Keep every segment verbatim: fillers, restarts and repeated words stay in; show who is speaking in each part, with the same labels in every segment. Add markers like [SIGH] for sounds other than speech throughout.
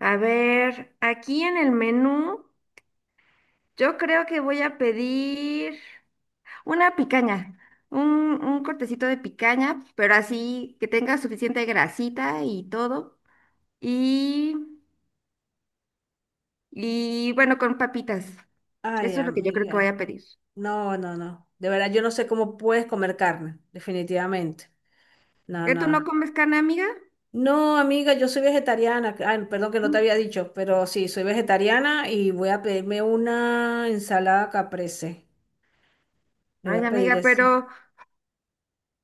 Speaker 1: A ver, aquí en el menú, yo creo que voy a pedir una picaña, un, un cortecito de picaña, pero así que tenga suficiente grasita y todo. Y, y bueno, con papitas.
Speaker 2: Ay,
Speaker 1: Eso es lo que yo creo que voy
Speaker 2: amiga.
Speaker 1: a pedir.
Speaker 2: No, no, no. De verdad, yo no sé cómo puedes comer carne, definitivamente. No,
Speaker 1: ¿Que tú no
Speaker 2: no.
Speaker 1: comes carne, amiga?
Speaker 2: No, amiga, yo soy vegetariana. Ay, perdón que no te
Speaker 1: Mm.
Speaker 2: había dicho, pero sí, soy vegetariana y voy a pedirme una ensalada caprese. Me voy
Speaker 1: Ay,
Speaker 2: a pedir
Speaker 1: amiga,
Speaker 2: eso.
Speaker 1: pero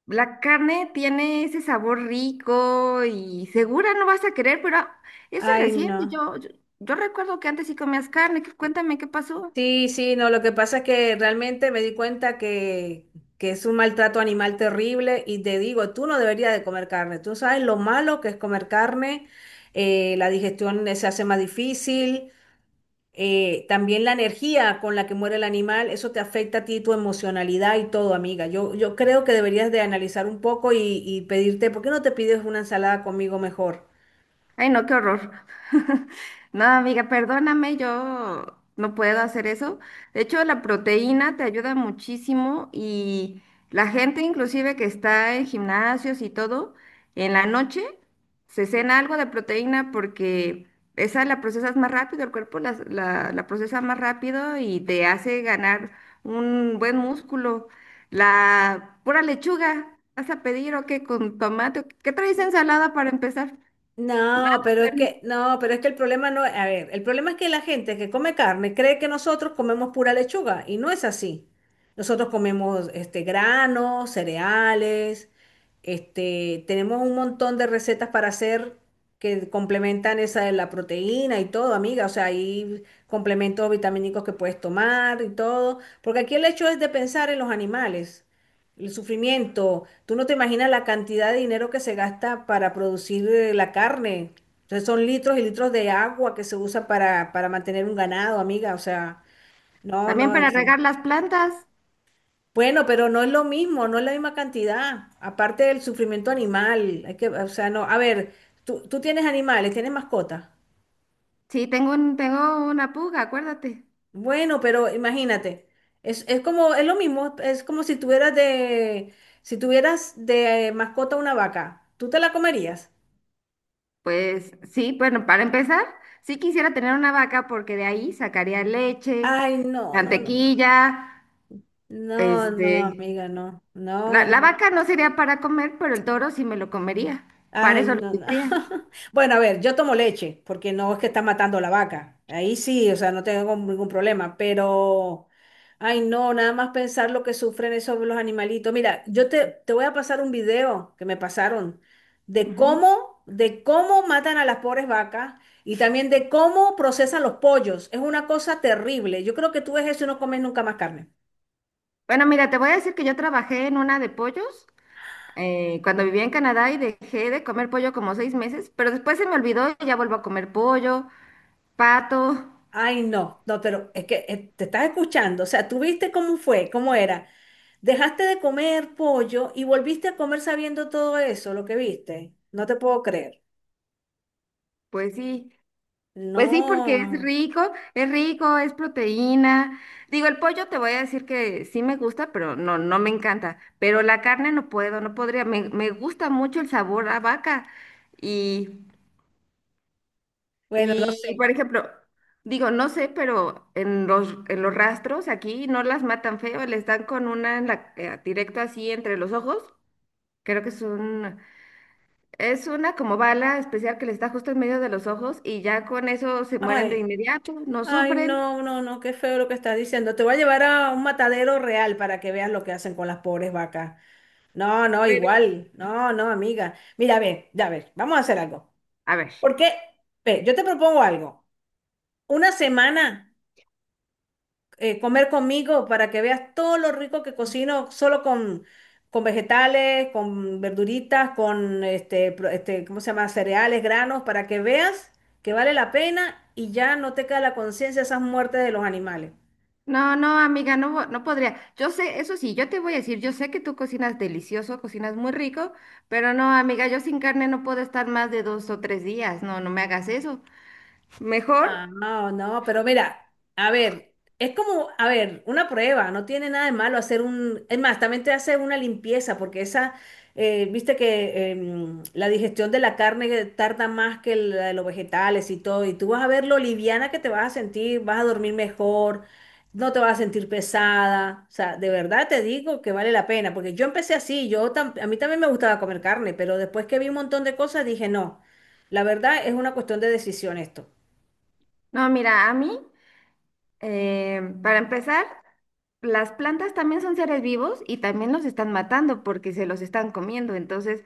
Speaker 1: la carne tiene ese sabor rico y segura no vas a querer, pero eso es
Speaker 2: Ay,
Speaker 1: reciente.
Speaker 2: no.
Speaker 1: Yo, yo, yo recuerdo que antes sí comías carne. que- Cuéntame qué pasó.
Speaker 2: Sí, sí, no. Lo que pasa es que realmente me di cuenta que, que es un maltrato animal terrible y te digo, tú no deberías de comer carne. Tú sabes lo malo que es comer carne. Eh, la digestión eh, se hace más difícil eh, también la energía con la que muere el animal, eso te afecta a ti, tu emocionalidad y todo, amiga. Yo, yo creo que deberías de analizar un poco y, y pedirte, ¿por qué no te pides una ensalada conmigo mejor?
Speaker 1: Ay, no, qué horror. [LAUGHS] No, amiga, perdóname, yo no puedo hacer eso. De hecho, la proteína te ayuda muchísimo y la gente inclusive que está en gimnasios y todo, en la noche se cena algo de proteína porque esa la procesas más rápido, el cuerpo la, la, la procesa más rápido y te hace ganar un buen músculo. La pura lechuga, ¿vas a pedir o qué con tomate? ¿Qué ¿Qué traes de ensalada para empezar?
Speaker 2: No,
Speaker 1: Ah,
Speaker 2: pero es
Speaker 1: bueno.
Speaker 2: que, no, pero es que el problema no es, a ver, el problema es que la gente que come carne cree que nosotros comemos pura lechuga y no es así. Nosotros comemos este granos, cereales, este, tenemos un montón de recetas para hacer que complementan esa de la proteína y todo, amiga. O sea, hay complementos vitamínicos que puedes tomar y todo, porque aquí el hecho es de pensar en los animales. El sufrimiento. Tú no te imaginas la cantidad de dinero que se gasta para producir eh, la carne. Entonces son litros y litros de agua que se usa para, para mantener un ganado, amiga. O sea, no,
Speaker 1: También
Speaker 2: no.
Speaker 1: para
Speaker 2: es- eh,
Speaker 1: regar las plantas.
Speaker 2: Bueno, pero no es lo mismo, no es la misma cantidad. Aparte del sufrimiento animal. Hay que, o sea, no. A ver, tú, tú tienes animales, tienes mascotas.
Speaker 1: Sí, tengo un, tengo una puga, acuérdate.
Speaker 2: Bueno, pero imagínate. Es, es como, es lo mismo. Es como si tuvieras de, Si tuvieras de mascota una vaca. ¿Tú te la comerías?
Speaker 1: Pues sí, bueno, para empezar, sí quisiera tener una vaca porque de ahí sacaría leche,
Speaker 2: Ay, no, no, no.
Speaker 1: mantequilla,
Speaker 2: No, no,
Speaker 1: este...
Speaker 2: amiga, no.
Speaker 1: La,
Speaker 2: No, no.
Speaker 1: la
Speaker 2: No.
Speaker 1: vaca no sería para comer, pero el toro sí me lo comería. Para
Speaker 2: Ay,
Speaker 1: eso lo
Speaker 2: no, no.
Speaker 1: tendría.
Speaker 2: [LAUGHS] Bueno, a ver, yo tomo leche, porque no es que está matando la vaca. Ahí sí, o sea, no tengo ningún problema, pero... Ay, no, nada más pensar lo que sufren esos los animalitos. Mira, yo te, te voy a pasar un video que me pasaron de
Speaker 1: Ujú.
Speaker 2: cómo, de cómo matan a las pobres vacas y también de cómo procesan los pollos. Es una cosa terrible. Yo creo que tú ves eso y no comes nunca más carne.
Speaker 1: Bueno, mira, te voy a decir que yo trabajé en una de pollos eh, cuando vivía en Canadá y dejé de comer pollo como seis meses, pero después se me olvidó y ya vuelvo a comer pollo, pato.
Speaker 2: Ay, no, no, pero es que eh, te estás escuchando, o sea, tú viste cómo fue, cómo era. Dejaste de comer pollo y volviste a comer sabiendo todo eso, lo que viste. No te puedo creer.
Speaker 1: Pues sí, pues sí, porque es
Speaker 2: No,
Speaker 1: rico, es rico, es proteína. Digo, el pollo te voy a decir que sí me gusta, pero no, no me encanta. Pero la carne no puedo, no podría. Me, me gusta mucho el sabor a vaca. Y,
Speaker 2: bueno, no
Speaker 1: y,
Speaker 2: sé.
Speaker 1: por ejemplo, digo, no sé, pero en los, en los rastros aquí no las matan feo, les dan con una en la, eh, directo así entre los ojos. Creo que son Es una como bala especial que les da justo en medio de los ojos y ya con eso se mueren de
Speaker 2: Ay,
Speaker 1: inmediato, no
Speaker 2: ay,
Speaker 1: sufren,
Speaker 2: no, no, no, qué feo lo que estás diciendo. Te voy a llevar a un matadero real para que veas lo que hacen con las pobres vacas. No, no,
Speaker 1: pero
Speaker 2: igual. No, no, amiga. Mira, ve, ya ver, vamos a hacer algo.
Speaker 1: a ver.
Speaker 2: Porque, ve, yo te propongo algo. Una semana. Eh, comer conmigo para que veas todo lo rico que cocino solo con, con vegetales, con verduritas, con este, pro- este, ¿cómo se llama? Cereales, granos, para que veas que vale la pena y ya no te queda la conciencia de esas muertes de los animales.
Speaker 1: No, no, amiga, no, vo- no podría. Yo sé, eso sí, yo te voy a decir, yo sé que tú cocinas delicioso, cocinas muy rico, pero no, amiga, yo sin carne no puedo estar más de dos o tres días. No, no me hagas eso.
Speaker 2: Ah,
Speaker 1: Mejor,
Speaker 2: no, no, pero mira, a ver, es como, a ver, una prueba, no tiene nada de malo hacer un, es más, también te hace una limpieza, porque esa, eh, viste que em, la digestión de la carne tarda más que la de los vegetales y todo, y tú vas a ver lo liviana que te vas a sentir, vas a dormir mejor, no te vas a sentir pesada, o sea, de verdad te digo que vale la pena, porque yo empecé así, yo tam- a mí también me gustaba comer carne, pero después que vi un montón de cosas dije, no, la verdad es una cuestión de decisión esto.
Speaker 1: no, mira, a mí, eh, para empezar, las plantas también son seres vivos y también los están matando porque se los están comiendo. Entonces,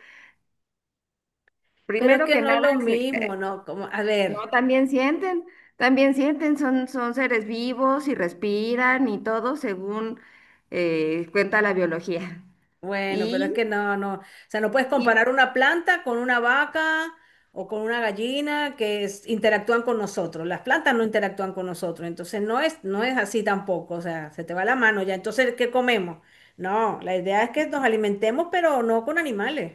Speaker 2: Pero es
Speaker 1: primero
Speaker 2: que
Speaker 1: que
Speaker 2: no es
Speaker 1: nada,
Speaker 2: lo mismo, ¿no? Como, a
Speaker 1: no,
Speaker 2: ver,
Speaker 1: también sienten, también sienten, son, son seres vivos y respiran y todo según eh, cuenta la biología.
Speaker 2: bueno, pero es
Speaker 1: Y,
Speaker 2: que no, no. O sea, no puedes
Speaker 1: y
Speaker 2: comparar una planta con una vaca o con una gallina que es- interactúan con nosotros. Las plantas no interactúan con nosotros, entonces no es, no es así tampoco. O sea, se te va la mano ya. Entonces, ¿qué comemos? No, la idea es que nos alimentemos, pero no con animales.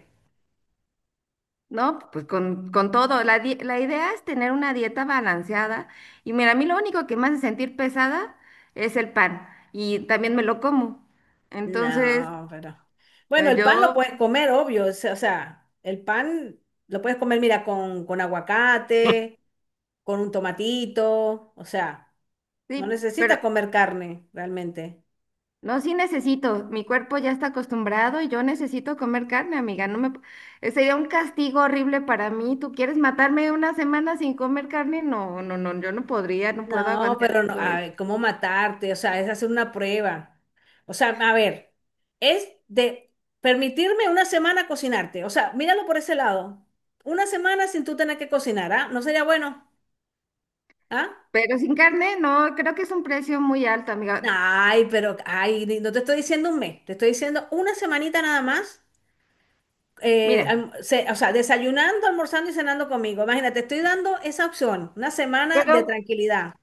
Speaker 1: no, pues con, con todo, la, di- la idea es tener una dieta balanceada. Y mira, a mí lo único que me hace sentir pesada es el pan y también me lo como. Entonces,
Speaker 2: No, pero. Bueno,
Speaker 1: eh,
Speaker 2: el pan lo
Speaker 1: yo,
Speaker 2: puedes comer, obvio. O sea, o sea, el pan lo puedes comer, mira, con, con aguacate, con un tomatito. O sea, no
Speaker 1: sí, pero
Speaker 2: necesitas comer carne realmente.
Speaker 1: no, sí necesito. Mi cuerpo ya está acostumbrado y yo necesito comer carne, amiga. No me... p- eh, Sería un castigo horrible para mí. ¿Tú quieres matarme una semana sin comer carne? No, no, no, yo no podría, no puedo
Speaker 2: No,
Speaker 1: aguantar
Speaker 2: pero no,
Speaker 1: todo
Speaker 2: a
Speaker 1: eso.
Speaker 2: ver, ¿cómo matarte? O sea, es hacer una prueba. O sea, a ver, es de permitirme una semana cocinarte. O sea, míralo por ese lado. Una semana sin tú tener que cocinar, ¿ah? ¿No sería bueno? ¿Ah?
Speaker 1: Pero sin carne, no, creo que es un precio muy alto, amiga.
Speaker 2: Ay, pero, ay, ni- no te estoy diciendo un mes, te estoy diciendo una semanita nada más, eh,
Speaker 1: Mira,
Speaker 2: alm- se- o sea, desayunando, almorzando y cenando conmigo. Imagínate, estoy dando esa opción, una semana de
Speaker 1: pero,
Speaker 2: tranquilidad.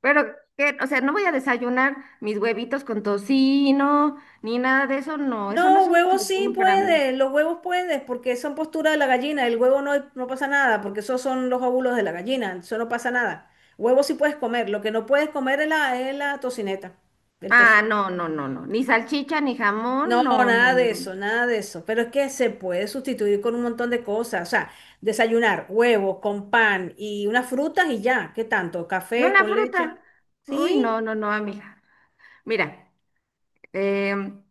Speaker 1: pero, ¿qué? O sea, no voy a desayunar mis huevitos con tocino, ni nada de eso, no. Eso no
Speaker 2: No,
Speaker 1: es un
Speaker 2: huevos sí
Speaker 1: desayuno para mí.
Speaker 2: puedes, los huevos puedes, porque son postura de la gallina, el huevo no, no pasa nada, porque esos son los óvulos de la gallina, eso no pasa nada. Huevos sí puedes comer, lo que no puedes comer es la, es la tocineta, el
Speaker 1: Ah,
Speaker 2: tocino.
Speaker 1: no, no, no, no. Ni salchicha, ni
Speaker 2: No,
Speaker 1: jamón, no, no,
Speaker 2: nada de
Speaker 1: no, no.
Speaker 2: eso, nada de eso. Pero es que se puede sustituir con un montón de cosas. O sea, desayunar huevos con pan y unas frutas y ya. ¿Qué tanto?
Speaker 1: Yo
Speaker 2: ¿Café
Speaker 1: la
Speaker 2: con leche?
Speaker 1: fruta. Uy,
Speaker 2: Sí.
Speaker 1: no, no, no, amiga. Mira, em,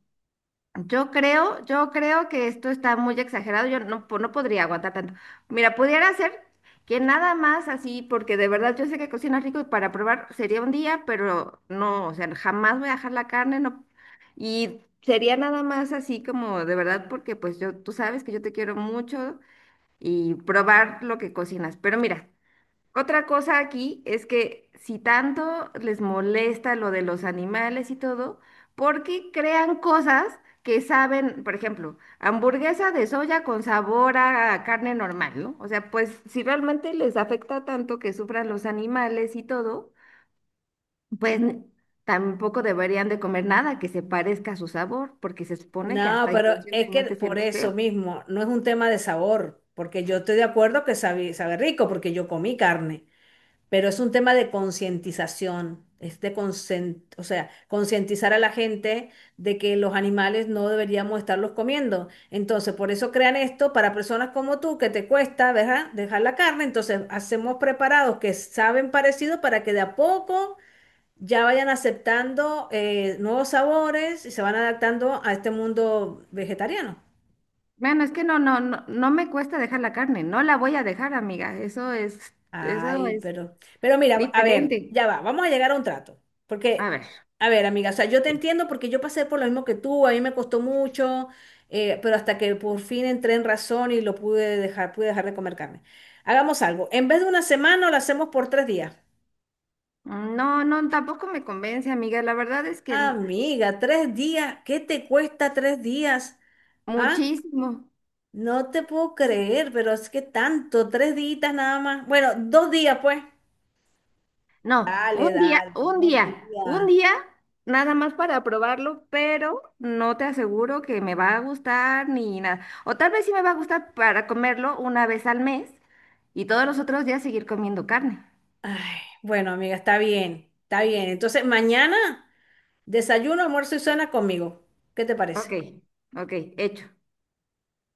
Speaker 1: yo creo, yo creo que esto está muy exagerado. Yo no, po- no podría aguantar tanto. Mira, pudiera ser que nada más así, porque de verdad yo sé que cocina rico y para probar sería un día, pero no, o sea, jamás voy a dejar la carne, no. Y sería nada más así como de verdad, porque pues yo, tú sabes que yo te quiero mucho y probar lo que cocinas. Pero mira, otra cosa aquí es que si tanto les molesta lo de los animales y todo, ¿por qué crean cosas que saben, por ejemplo, hamburguesa de soya con sabor a carne normal, ¿no? O sea, pues si realmente les afecta tanto que sufran los animales y todo, pues n- tampoco deberían de comer nada que se parezca a su sabor, porque se supone que
Speaker 2: No,
Speaker 1: hasta
Speaker 2: pero es que
Speaker 1: inconscientemente
Speaker 2: por
Speaker 1: sientes
Speaker 2: eso
Speaker 1: feo.
Speaker 2: mismo no es un tema de sabor, porque yo estoy de acuerdo que sabe, sabe rico, porque yo comí carne. Pero es un tema de concientización, es de conscien- o sea, concientizar a la gente de que los animales no deberíamos estarlos comiendo. Entonces, por eso crean esto para personas como tú, que te cuesta, ¿verdad? Dejar la carne. Entonces, hacemos preparados que saben parecido para que de a poco ya vayan aceptando eh, nuevos sabores y se van adaptando a este mundo vegetariano.
Speaker 1: Bueno, es que no, no, no, no me cuesta dejar la carne, no la voy a dejar, amiga. Eso es, eso
Speaker 2: Ay,
Speaker 1: es
Speaker 2: pero, pero mira, a ver,
Speaker 1: Diferente.
Speaker 2: ya va, vamos a llegar a un trato.
Speaker 1: A
Speaker 2: Porque,
Speaker 1: ver,
Speaker 2: a ver, amiga, o sea, yo te entiendo porque yo pasé por lo mismo que tú, a mí me costó mucho, eh, pero hasta que por fin entré en razón y lo pude dejar, pude dejar de comer carne. Hagamos algo, en vez de una semana, lo hacemos por tres días.
Speaker 1: no, no, tampoco me convence, amiga. La verdad es que n-
Speaker 2: Amiga, tres días, ¿qué te cuesta tres días? ¿Ah?
Speaker 1: muchísimo.
Speaker 2: No te puedo
Speaker 1: Muchísimo.
Speaker 2: creer, pero es que tanto, tres días nada más. Bueno, dos días, pues.
Speaker 1: No, un
Speaker 2: Dale,
Speaker 1: día,
Speaker 2: dale,
Speaker 1: un
Speaker 2: dos
Speaker 1: día, un
Speaker 2: días.
Speaker 1: día, nada más para probarlo, pero no te aseguro que me va a gustar ni nada. O tal vez sí me va a gustar para comerlo una vez al mes y todos los otros días seguir comiendo carne.
Speaker 2: Ay, bueno, amiga, está bien, está bien. Entonces, mañana desayuno, almuerzo y cena conmigo. ¿Qué te parece?
Speaker 1: Ok, ok, hecho.